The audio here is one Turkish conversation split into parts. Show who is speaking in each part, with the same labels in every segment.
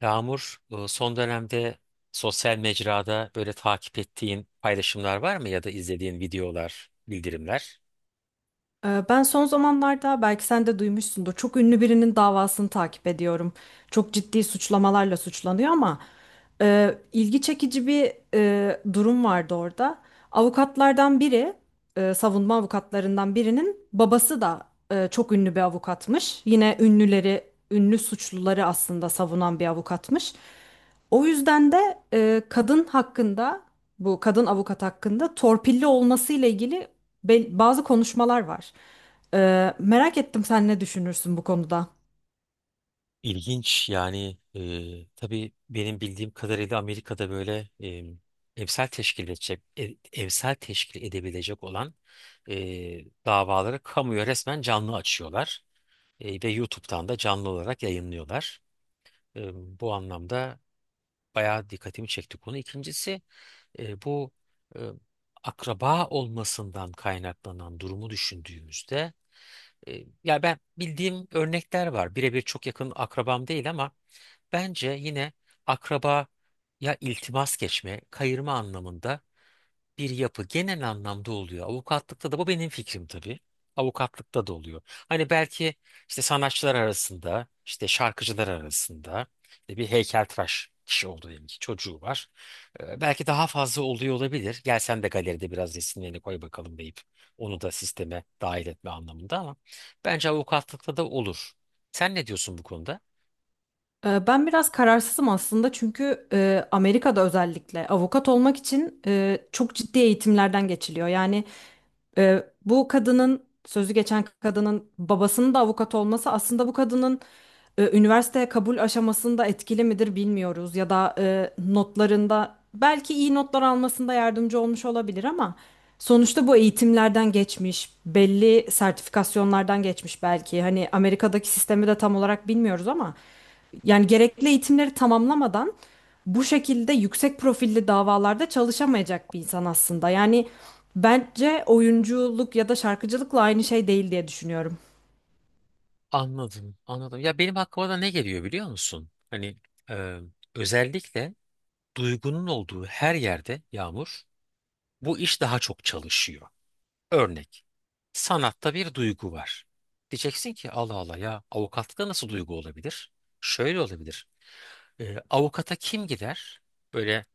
Speaker 1: Yağmur, son dönemde sosyal mecrada böyle takip ettiğin paylaşımlar var mı ya da izlediğin videolar, bildirimler?
Speaker 2: Ben son zamanlarda belki sen de duymuşsundur. Çok ünlü birinin davasını takip ediyorum. Çok ciddi suçlamalarla suçlanıyor ama ilgi çekici bir durum vardı orada. Avukatlardan biri, savunma avukatlarından birinin babası da çok ünlü bir avukatmış. Yine ünlü suçluları aslında savunan bir avukatmış. O yüzden de kadın hakkında, bu kadın avukat hakkında torpilli olmasıyla ilgili bazı konuşmalar var. Merak ettim, sen ne düşünürsün bu konuda?
Speaker 1: İlginç yani tabii benim bildiğim kadarıyla Amerika'da böyle emsal teşkil edecek, emsal teşkil edebilecek olan e, davaları kamuya resmen canlı açıyorlar. Ve YouTube'dan da canlı olarak yayınlıyorlar. E, Bu anlamda bayağı dikkatimi çekti konu. İkincisi bu e, akraba olmasından kaynaklanan durumu düşündüğümüzde ya ben bildiğim örnekler var. Birebir çok yakın akrabam değil ama bence yine akraba ya iltimas geçme, kayırma anlamında bir yapı genel anlamda oluyor. Avukatlıkta da bu benim fikrim tabii. Avukatlıkta da oluyor. Hani belki işte sanatçılar arasında, işte şarkıcılar arasında işte bir heykeltıraş kişi oldu diyelim ki çocuğu var. Belki daha fazla oluyor olabilir. Gel sen de galeride biraz resimlerini koy bakalım deyip onu da sisteme dahil etme anlamında ama bence avukatlıkta da olur. Sen ne diyorsun bu konuda?
Speaker 2: Ben biraz kararsızım aslında, çünkü Amerika'da özellikle avukat olmak için çok ciddi eğitimlerden geçiliyor. Yani bu kadının, sözü geçen kadının babasının da avukat olması aslında bu kadının üniversiteye kabul aşamasında etkili midir bilmiyoruz, ya da notlarında belki iyi notlar almasında yardımcı olmuş olabilir ama. Sonuçta bu eğitimlerden geçmiş, belli sertifikasyonlardan geçmiş belki. Hani Amerika'daki sistemi de tam olarak bilmiyoruz, ama yani gerekli eğitimleri tamamlamadan bu şekilde yüksek profilli davalarda çalışamayacak bir insan aslında. Yani bence oyunculuk ya da şarkıcılıkla aynı şey değil diye düşünüyorum.
Speaker 1: Anladım, anladım. Ya benim aklıma da ne geliyor biliyor musun? Hani e, özellikle duygunun olduğu her yerde Yağmur, bu iş daha çok çalışıyor. Örnek, sanatta bir duygu var. Diyeceksin ki Allah Allah ya avukatlıkta nasıl duygu olabilir? Şöyle olabilir. Avukata kim gider? Böyle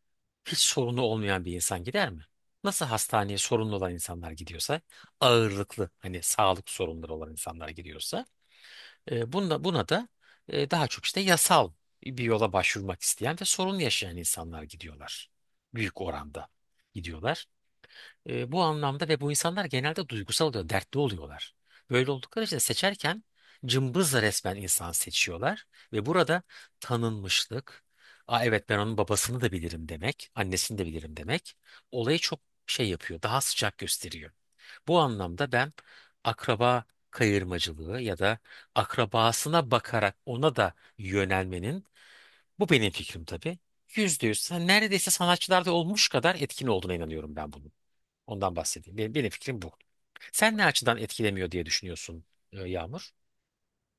Speaker 1: hiç sorunu olmayan bir insan gider mi? Nasıl hastaneye sorunlu olan insanlar gidiyorsa, ağırlıklı hani sağlık sorunları olan insanlar gidiyorsa, buna da daha çok işte yasal bir yola başvurmak isteyen ve sorun yaşayan insanlar gidiyorlar. Büyük oranda gidiyorlar. Bu anlamda ve bu insanlar genelde duygusal oluyor, dertli oluyorlar. Böyle oldukları için de seçerken cımbızla resmen insan seçiyorlar ve burada tanınmışlık, aa, evet ben onun babasını da bilirim demek, annesini de bilirim demek olayı çok şey yapıyor, daha sıcak gösteriyor. Bu anlamda ben akraba kayırmacılığı ya da akrabasına bakarak ona da yönelmenin, bu benim fikrim tabii, neredeyse sanatçılarda olmuş kadar etkin olduğuna inanıyorum ben bunun. Ondan bahsedeyim. Benim fikrim bu. Sen ne açıdan etkilemiyor diye düşünüyorsun Yağmur?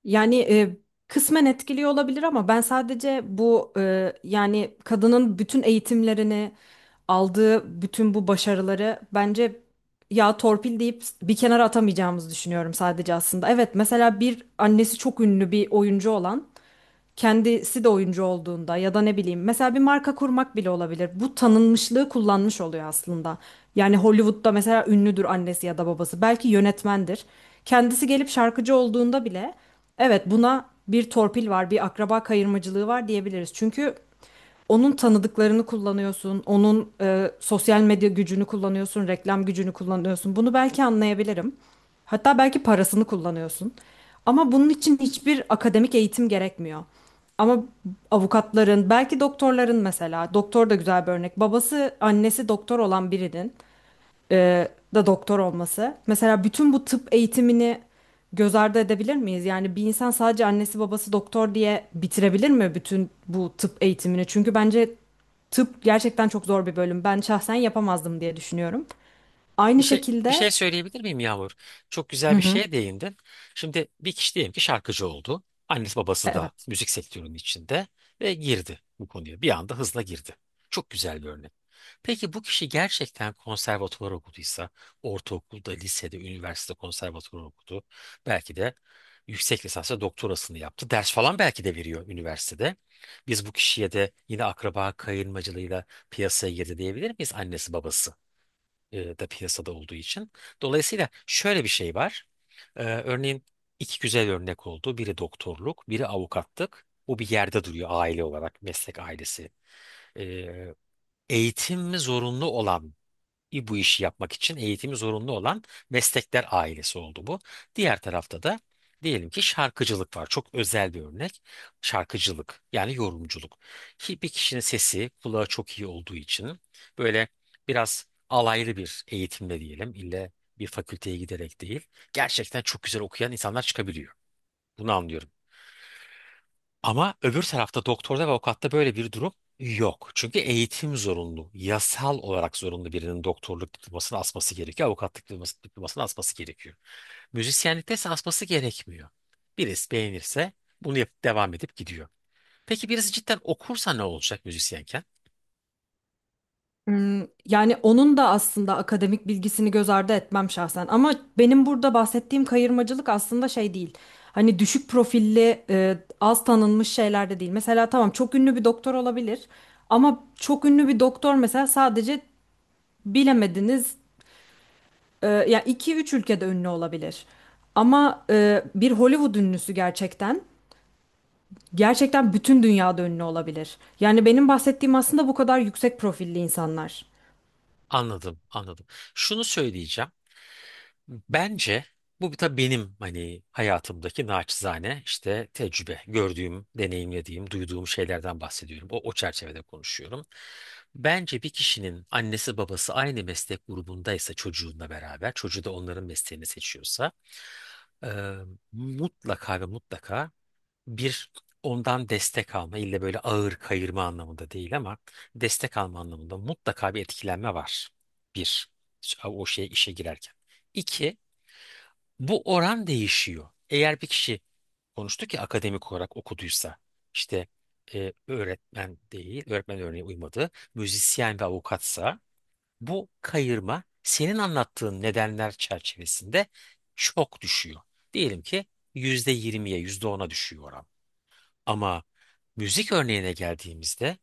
Speaker 2: Yani kısmen etkiliyor olabilir, ama ben sadece bu yani kadının bütün eğitimlerini aldığı, bütün bu başarıları, bence ya torpil deyip bir kenara atamayacağımızı düşünüyorum sadece aslında. Evet, mesela bir annesi çok ünlü bir oyuncu olan kendisi de oyuncu olduğunda, ya da ne bileyim, mesela bir marka kurmak bile olabilir. Bu tanınmışlığı kullanmış oluyor aslında. Yani Hollywood'da mesela ünlüdür annesi ya da babası. Belki yönetmendir. Kendisi gelip şarkıcı olduğunda bile evet, buna bir torpil var, bir akraba kayırmacılığı var diyebiliriz. Çünkü onun tanıdıklarını kullanıyorsun, onun sosyal medya gücünü kullanıyorsun, reklam gücünü kullanıyorsun. Bunu belki anlayabilirim. Hatta belki parasını kullanıyorsun. Ama bunun için hiçbir akademik eğitim gerekmiyor. Ama avukatların, belki doktorların, mesela doktor da güzel bir örnek. Babası, annesi doktor olan birinin e, da doktor olması. Mesela bütün bu tıp eğitimini göz ardı edebilir miyiz? Yani bir insan sadece annesi babası doktor diye bitirebilir mi bütün bu tıp eğitimini? Çünkü bence tıp gerçekten çok zor bir bölüm. Ben şahsen yapamazdım diye düşünüyorum.
Speaker 1: Bir
Speaker 2: Aynı
Speaker 1: şey bir
Speaker 2: şekilde.
Speaker 1: şey söyleyebilir miyim Yağmur? Çok
Speaker 2: Hı
Speaker 1: güzel bir
Speaker 2: hı.
Speaker 1: şeye değindin. Şimdi bir kişi diyelim ki şarkıcı oldu. Annesi babası da
Speaker 2: Evet.
Speaker 1: müzik sektörünün içinde ve girdi bu konuya. Bir anda hızla girdi. Çok güzel bir örnek. Peki bu kişi gerçekten konservatuvar okuduysa, ortaokulda, lisede, üniversitede konservatuvar okudu. Belki de yüksek lisansa doktorasını yaptı. Ders falan belki de veriyor üniversitede. Biz bu kişiye de yine akraba kayırmacılığıyla piyasaya girdi diyebilir miyiz? Annesi babası da piyasada olduğu için. Dolayısıyla şöyle bir şey var. Örneğin iki güzel örnek oldu. Biri doktorluk, biri avukatlık. Bu bir yerde duruyor aile olarak, meslek ailesi. Ee, Eğitim mi zorunlu olan bu işi yapmak için eğitimi zorunlu olan meslekler ailesi oldu bu. Diğer tarafta da diyelim ki şarkıcılık var. Çok özel bir örnek. Şarkıcılık yani yorumculuk. Ki bir kişinin sesi kulağı çok iyi olduğu için böyle biraz alaylı bir eğitimle diyelim ille bir fakülteye giderek değil gerçekten çok güzel okuyan insanlar çıkabiliyor. Bunu anlıyorum. Ama öbür tarafta doktorda ve avukatta böyle bir durum yok. Çünkü eğitim zorunlu. Yasal olarak zorunlu birinin doktorluk diplomasını asması gerekiyor. Diplomasını asması gerekiyor. Müzisyenlikte ise asması gerekmiyor. Birisi beğenirse bunu yapıp devam edip gidiyor. Peki birisi cidden okursa ne olacak müzisyenken?
Speaker 2: Yani onun da aslında akademik bilgisini göz ardı etmem şahsen. Ama benim burada bahsettiğim kayırmacılık aslında şey değil. Hani düşük profilli, az tanınmış şeyler de değil. Mesela tamam, çok ünlü bir doktor olabilir. Ama çok ünlü bir doktor mesela sadece bilemediniz, ya iki üç ülkede ünlü olabilir. Ama bir Hollywood ünlüsü gerçekten bütün dünyada ünlü olabilir. Yani benim bahsettiğim aslında bu kadar yüksek profilli insanlar.
Speaker 1: Anladım, anladım. Şunu söyleyeceğim. Bence bu bir tabii benim hani hayatımdaki naçizane işte tecrübe, gördüğüm, deneyimlediğim, duyduğum şeylerden bahsediyorum. O çerçevede konuşuyorum. Bence bir kişinin annesi babası aynı meslek grubundaysa çocuğunla beraber, çocuğu da onların mesleğini seçiyorsa e, mutlaka ve mutlaka bir ondan destek alma, illa böyle ağır kayırma anlamında değil ama destek alma anlamında mutlaka bir etkilenme var. Bir, o şey işe girerken. İki, bu oran değişiyor. Eğer bir kişi konuştu ki akademik olarak okuduysa işte öğretmen değil, öğretmen örneği uymadı, müzisyen ve avukatsa bu kayırma senin anlattığın nedenler çerçevesinde çok düşüyor. Diyelim ki yüzde yirmiye yüzde ona düşüyor oran. Ama müzik örneğine geldiğimizde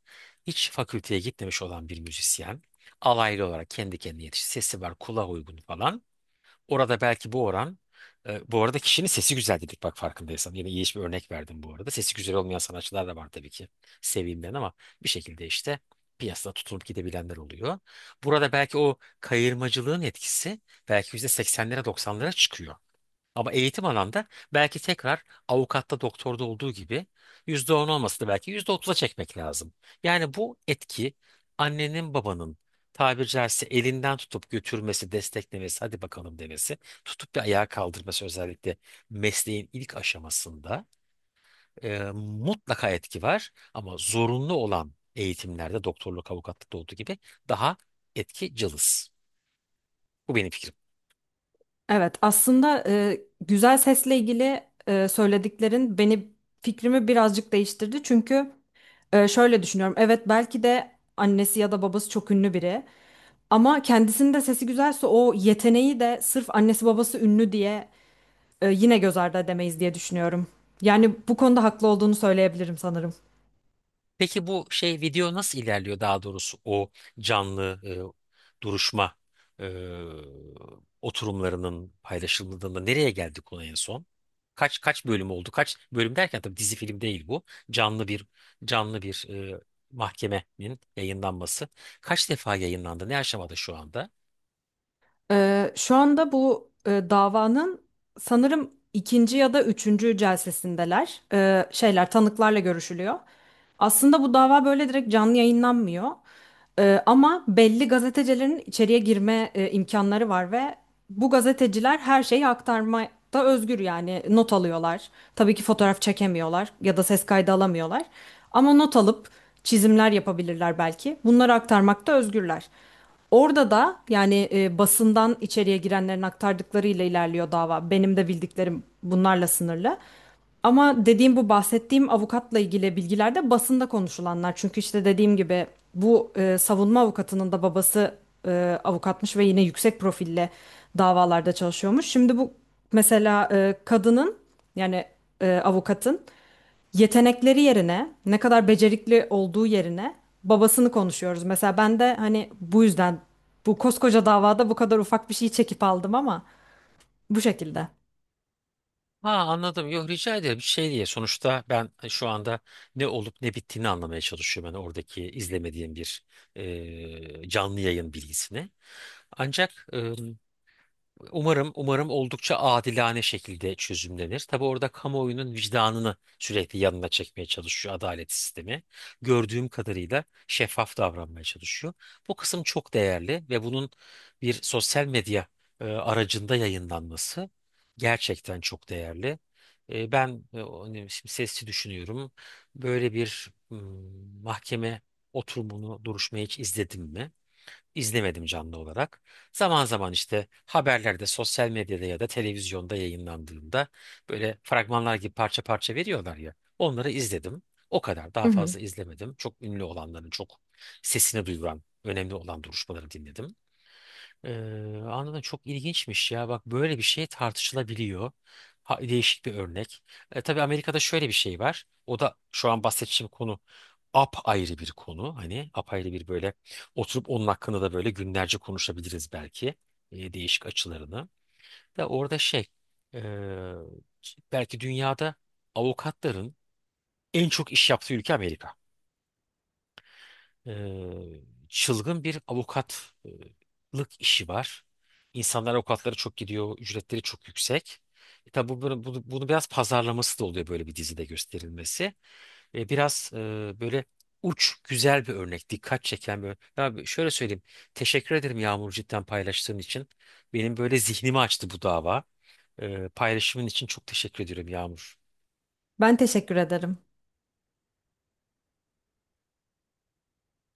Speaker 1: hiç fakülteye gitmemiş olan bir müzisyen alaylı olarak kendi kendine yetişti, sesi var, kulağa uygun falan. Orada belki bu oran bu arada kişinin sesi güzel dedik bak farkındaysan. Yine iyi bir örnek verdim bu arada. Sesi güzel olmayan sanatçılar da var tabii ki. Seveyim ben ama bir şekilde işte piyasada tutulup gidebilenler oluyor. Burada belki o kayırmacılığın etkisi belki yüzde seksenlere doksanlara çıkıyor. Ama eğitim alanda belki tekrar avukatta doktorda olduğu gibi %10 olması da belki %30'a çekmek lazım. Yani bu etki annenin babanın tabiri caizse elinden tutup götürmesi, desteklemesi, hadi bakalım demesi, tutup bir ayağa kaldırması özellikle mesleğin ilk aşamasında mutlaka etki var. Ama zorunlu olan eğitimlerde doktorluk, avukatlıkta olduğu gibi daha etki cılız. Bu benim fikrim.
Speaker 2: Evet, aslında güzel sesle ilgili söylediklerin beni, fikrimi birazcık değiştirdi. Çünkü şöyle düşünüyorum. Evet, belki de annesi ya da babası çok ünlü biri, ama kendisinin de sesi güzelse o yeteneği de sırf annesi babası ünlü diye yine göz ardı edemeyiz diye düşünüyorum. Yani bu konuda haklı olduğunu söyleyebilirim sanırım.
Speaker 1: Peki bu şey video nasıl ilerliyor daha doğrusu o canlı duruşma e, oturumlarının paylaşıldığında nereye geldik ona en son? Kaç kaç bölüm oldu? Kaç bölüm derken tabii dizi film değil bu. Canlı bir canlı bir e, mahkemenin yayınlanması. Kaç defa yayınlandı? Ne aşamada şu anda?
Speaker 2: Şu anda bu davanın sanırım ikinci ya da üçüncü celsesindeler. Şeyler, tanıklarla görüşülüyor. Aslında bu dava böyle direkt canlı yayınlanmıyor. Ama belli gazetecilerin içeriye girme imkanları var ve bu gazeteciler her şeyi aktarmakta özgür, yani not alıyorlar. Tabii ki fotoğraf çekemiyorlar ya da ses kaydı alamıyorlar. Ama not alıp çizimler yapabilirler belki. Bunları aktarmakta özgürler. Orada da yani basından içeriye girenlerin aktardıklarıyla ilerliyor dava. Benim de bildiklerim bunlarla sınırlı. Ama dediğim bu bahsettiğim avukatla ilgili bilgiler de basında konuşulanlar. Çünkü işte dediğim gibi bu savunma avukatının da babası avukatmış ve yine yüksek profille davalarda çalışıyormuş. Şimdi bu mesela kadının, yani avukatın yetenekleri yerine, ne kadar becerikli olduğu yerine babasını konuşuyoruz. Mesela ben de hani bu yüzden bu koskoca davada bu kadar ufak bir şey çekip aldım, ama bu şekilde.
Speaker 1: Ha anladım. Yok rica ederim. Şey diye sonuçta ben hani, şu anda ne olup ne bittiğini anlamaya çalışıyorum. Ben oradaki izlemediğim bir canlı yayın bilgisini. Ancak umarım oldukça adilane şekilde çözümlenir. Tabii orada kamuoyunun vicdanını sürekli yanına çekmeye çalışıyor adalet sistemi. Gördüğüm kadarıyla şeffaf davranmaya çalışıyor. Bu kısım çok değerli ve bunun bir sosyal medya aracında yayınlanması gerçekten çok değerli. Hani şimdi sesli düşünüyorum. Böyle bir mahkeme oturumunu, duruşmayı hiç izledim mi? İzlemedim canlı olarak. Zaman zaman işte haberlerde, sosyal medyada ya da televizyonda yayınlandığında böyle fragmanlar gibi parça parça veriyorlar ya. Onları izledim. O kadar
Speaker 2: Hı
Speaker 1: daha
Speaker 2: hı.
Speaker 1: fazla izlemedim. Çok ünlü olanların, çok sesini duyuran, önemli olan duruşmaları dinledim. Anladım çok ilginçmiş ya bak böyle bir şey tartışılabiliyor. Ha, değişik bir örnek. Tabii Amerika'da şöyle bir şey var. O da şu an bahsedeceğim konu apayrı bir konu. Hani apayrı bir böyle oturup onun hakkında da böyle günlerce konuşabiliriz belki. Değişik açılarını. Da orada şey e, belki dünyada avukatların en çok iş yaptığı ülke Amerika, e, çılgın bir avukatlık işi var. İnsanlar avukatlara çok gidiyor, ücretleri çok yüksek. Tabi bunu biraz pazarlaması da oluyor böyle bir dizide gösterilmesi. E, biraz e, böyle uç, güzel bir örnek, dikkat çeken bir örnek. Ya şöyle söyleyeyim, teşekkür ederim Yağmur cidden paylaştığın için. Benim böyle zihnimi açtı bu dava. Paylaşımın için çok teşekkür ediyorum Yağmur.
Speaker 2: Ben teşekkür ederim.